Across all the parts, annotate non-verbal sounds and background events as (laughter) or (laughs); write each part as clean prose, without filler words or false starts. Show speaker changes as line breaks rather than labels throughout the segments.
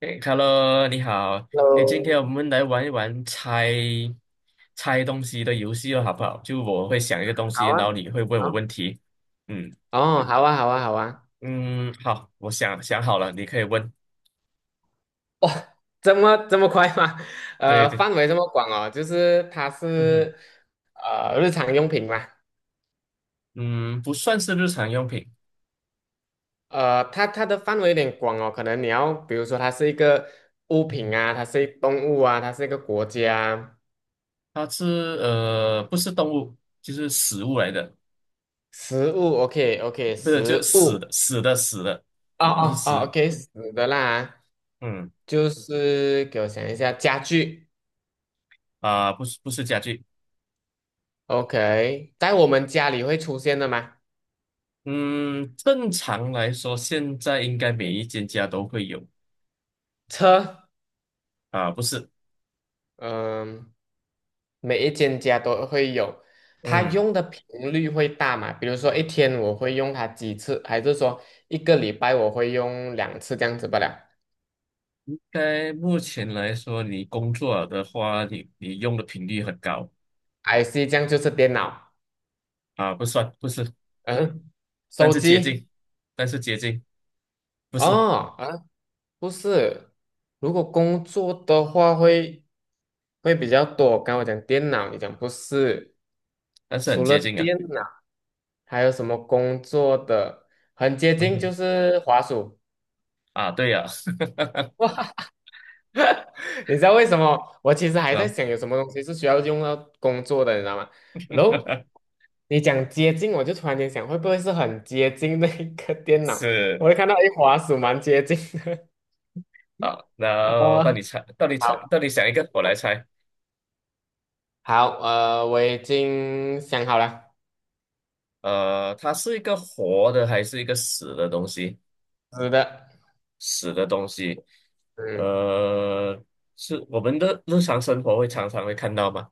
哎，Hello，你好。哎，今天
Hello，
我们来玩一玩猜猜东西的游戏了，好不好？就我会想一个东西，
好
然后
啊，
你会问我
好，
问题。嗯
哦，好啊，好啊，好啊，
嗯，好，我想想好了，你可以问。
这么快吗？(laughs)
对对。
范围这么广哦，就是它
嗯哼。
是日常用品嘛，
嗯，不算是日常用品。
它的范围有点广哦，可能你要比如说它是一个物
嗯
品
哼，
啊，它是一动物啊，它是一个国家，
它是不是动物，就是食物来的，
食物，OK OK，
不是，就是
食
死
物，
的死的死的，
哦
不是
哦哦
食。
，OK，死的啦，
嗯，
就是给我想一下，家具
啊，不是不是家具。
，OK，在我们家里会出现的吗？
嗯，正常来说，现在应该每一间家都会有。
车，
啊，不是。
嗯、每一间家都会有，它
嗯，
用的频率会大嘛？比如说一天我会用它几次，还是说一个礼拜我会用2次这样子不了
在目前来说，你工作的话，你用的频率很高。
？IC 这样就是电脑，
啊，不算，不是。
嗯，
但
手
是接近，
机
但是接近，不是，
哦，啊，不是，如果工作的话会比较多。刚刚我讲电脑，你讲不是，
但是很
除了
接近啊。
电脑还有什么工作的很接
嗯
近就
哼。
是滑鼠。
啊，对呀、(laughs)
(laughs) (laughs) 你知道为什么？我其实还在
啊，
想有什么东西是需要用到工作的，你知道吗？然后你讲接近，我就突然间想，会不会是很接近那一个电脑？
是
我就看到一滑鼠蛮接近
啊，
的。(laughs)
那到
哦，
你猜，到你猜，
好，
到你想一个，我来猜。
好，我已经想好了，
它是一个活的还是一个死的东西？
是的，
死的东西。
嗯，
呃，是我们的日常生活会常常会看到吗？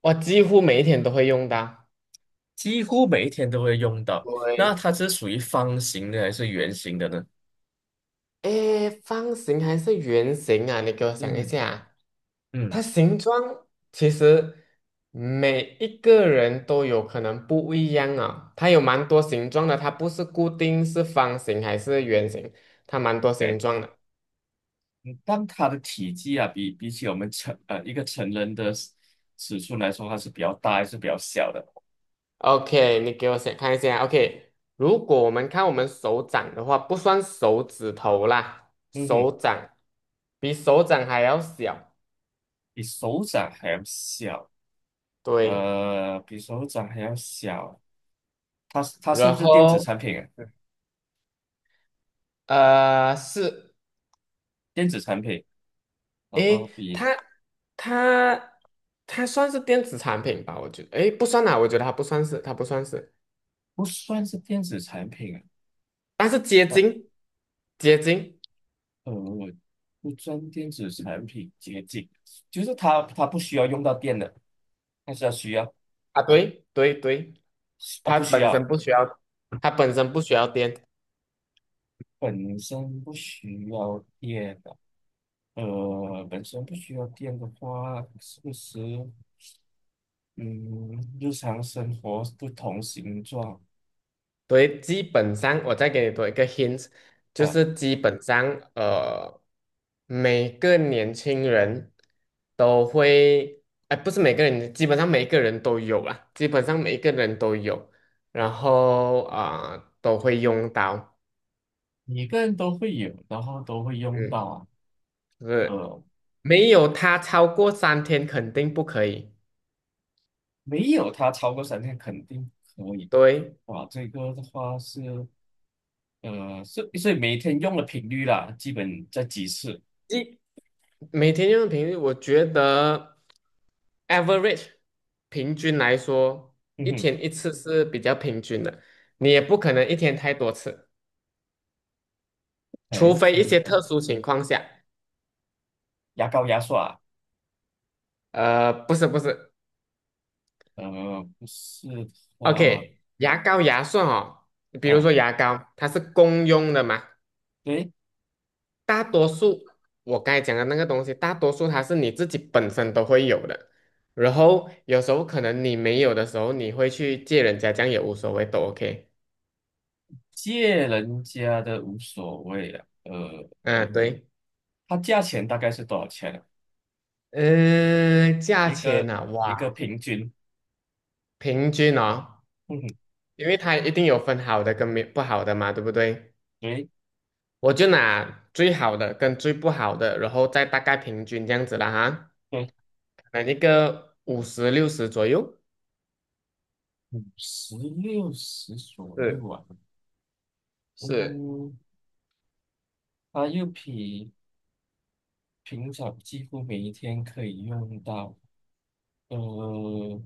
我几乎每一天都会用到。
几乎每一天都会用到。那
对
它是属于方形的还是圆形的呢？
诶，方形还是圆形啊？你给我想一
嗯
下，它
嗯，
形状其实每一个人都有可能不一样啊、它有蛮多形状的，它不是固定是方形还是圆形，它蛮多
哎，
形状的。
但它的体积啊，比起我们成一个成人的尺寸来说，它是比较大还是比较小的？
OK，你给我想看一下。OK，如果我们看我们手掌的话，不算手指头啦，
嗯哼，
手掌比手掌还要小。
比手掌还要小。
对，
比手掌还要小。它是
然
不是电子
后
产品啊？
是
电子产品，然后
诶，
比
它它它算是电子产品吧？我觉得，诶，不算啦，我觉得它不算是，它不算是，
不算是电子产品啊。
但是结晶，结晶
我不算电子产品接近，就是它不需要用到电的，但是它需要
啊，对对对，
啊
它
不需
本身
要，
不需要，它本身不需要电，
本身不需要电的。本身不需要电的话，是不是嗯，日常生活不同形状。
对，基本上，我再给你多一个 hint，就
呃
是基本上，呃，每个年轻人都会，哎，不是每个人，基本上每一个人都有啦，基本上每一个人都有，然后啊、都会用到，
每个人都会有，然后都会用到
嗯，
啊。
是，
呃，
没有它超过3天肯定不可以，
没有它超过3天肯定可以。
对，
哇，这个的话是。所以每天用的频率啦，基本在几次？
一每天用的频率，我觉得。average 平均来说，
嗯
一
哼，
天一次是比较平均的，你也不可能一天太多次，
可能
除
一
非一
天
些特殊情况下。
牙膏牙刷。
不是不是
不是的话，
，OK，牙膏牙刷哦，比如
啊，
说牙膏，它是公用的嘛，
对，
大多数我刚才讲的那个东西，大多数它是你自己本身都会有的，然后有时候可能你没有的时候，你会去借人家，这样也无所谓，都 OK。
借人家的无所谓啊。
嗯，对。
它价钱大概是多少钱啊？
嗯，价
一
钱
个
呐，
一个
哇，
平均，
平均哦，
嗯哼，
因为它一定有分好的跟没不好的嘛，对不对？
对
我就拿最好的跟最不好的，然后再大概平均这样子了哈，
对，
可能一个五十六十左右。
50、60左右
是
啊。
是，
嗯，它又比平常几乎每一天可以用到。呃，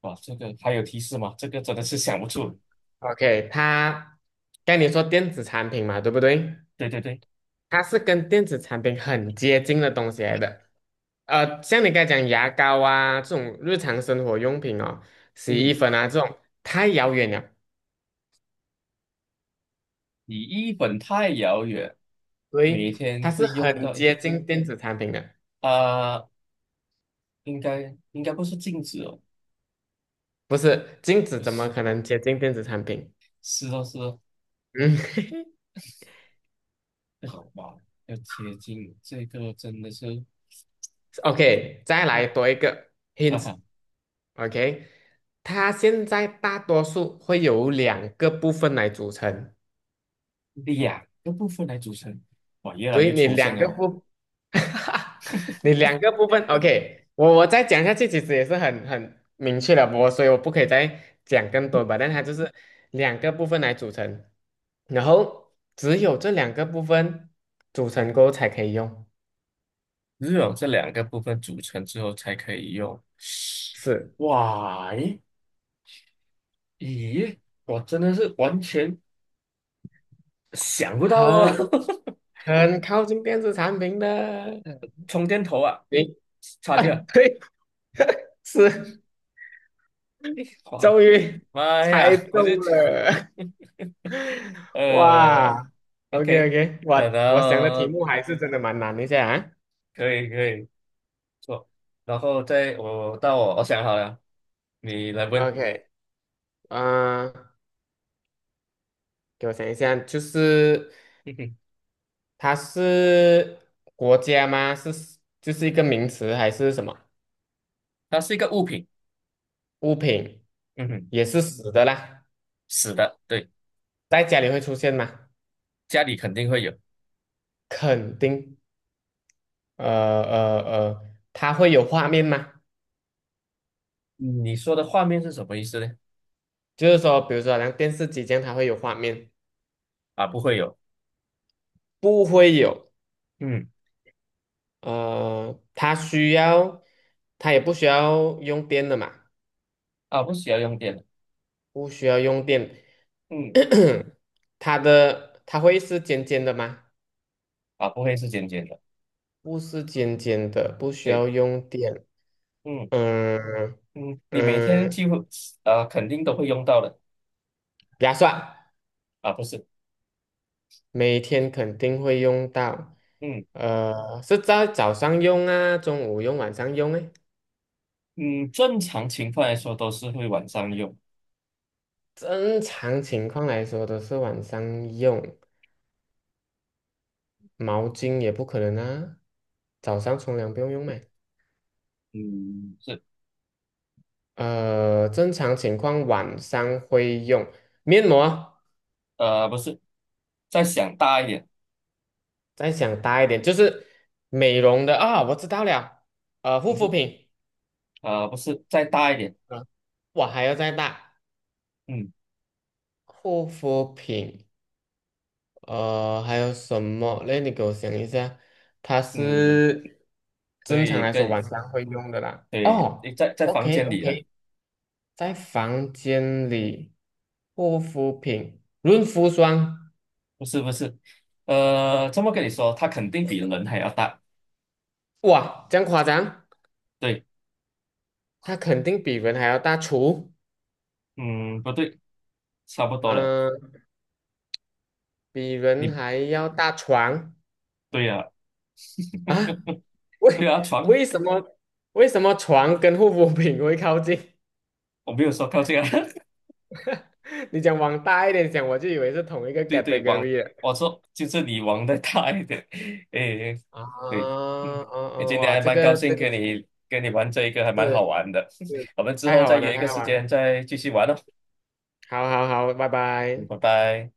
哇，这个还有提示吗？这个真的是想不出。
OK，它刚才你说电子产品嘛，对不对？
对对对。
它是跟电子产品很接近的东西来的。像你刚才讲牙膏啊这种日常生活用品哦，洗衣
嗯，
粉啊这种太遥远了，
离一本太遥远，
所以
每
它
天
是
会用
很
到一
接近电子产品的，
啊、应该不是镜子哦，
不是镜子
就
怎么
是
可能接近电子产品？
是哦是哦，
嗯
好吧，要贴近这个真的是。
(laughs)，OK，再来
嗯，
多一个
啊，
hint，OK，它现在大多数会有两个部分来组成。
两个部分来组成，哇，越
所
来
以
越
你
抽象
两个
了，
部，(laughs) 你两个部分，OK，我再讲下去，其实也是很明确了，所以我不可以再讲更多吧，但它就是两个部分来组成，然后只有这两个部分组成过后才可以用，
只有这两个部分组成之后才可以用，
是
哇，诶咦，我真的是完全想不到哦。
很
(laughs)
很靠近电子产品的，嗯
充电头啊，
你
插
(laughs)
件。
对，(laughs) 是
哇，
终于
妈
猜
呀，我
中
就
了，
(laughs) 呃
哇，OK
，OK。
OK，我
然
我想的题
后
目还是真的蛮难一下啊。
可以做，然后再我到我想好了，你来问。
OK，嗯、给我想一下，就是
嗯哼，
它是国家吗？是就是一个名词还是什么
它是一个物品。
物品？
嗯哼，
也是死的啦，
死的，对，
在家里会出现吗？
家里肯定会有。
肯定，呃呃呃，它会有画面吗？
你说的画面是什么意思呢？
就是说，比如说好像电视机这样，它会有画面，
啊，不会有。
不会有。
嗯，
它需要，它也不需要用电的嘛。
啊，不需要用电的。
不需要用电，
嗯，
(clears throat) 它会是尖尖的吗？
啊，不会是尖尖的。
不是尖尖的，不需
对。
要用电。
嗯
嗯
嗯，你每天几
嗯，
乎肯定都会用到的。
牙刷
啊，不是。
每天肯定会用到，
嗯
是在早上用啊，中午用，晚上用诶。
嗯，正常情况来说都是会晚上用。
正常情况来说都是晚上用，毛巾也不可能啊，早上冲凉不用用咩？
嗯，是。
正常情况晚上会用面膜。
不是，再想大一点。
再想大一点，就是美容的啊、我知道了，护
嗯
肤
哼。
品，
不是，再大一点。
啊，我还要再大，
嗯
护肤品，还有什么嘞？那你给我想一下，它
嗯，
是
可
正常
以
来说
跟
晚上会用的啦。
对，你
哦
在房
，OK
间里了。
OK，在房间里，护肤品，润肤霜，
不是不是。这么跟你说，它肯定比人还要大，
哇，这样夸张，
对。
它肯定比人还要大厨，
嗯，不对，差不多了。
嗯、比
你
人还要大床。
对呀、
啊。(laughs)
对
为
啊，床。
为什么为什么床跟护肤品会靠近？
我没有说靠近啊。(laughs)
(laughs) 你讲往大一点讲，我就以为是同一个
对对，网，
category 了。
我说就是你网的大一点。(laughs) 诶，
啊，
对，嗯，
啊
诶
啊！
今天
哇，
还
这
蛮高
个
兴
这个
跟你玩这一个，还蛮好
是
玩的。
是
(laughs) 我们之
太
后
好
再
玩了，
约一
太
个
好
时
玩了。
间再继续玩哦。
好好好，拜
嗯
拜。
拜拜。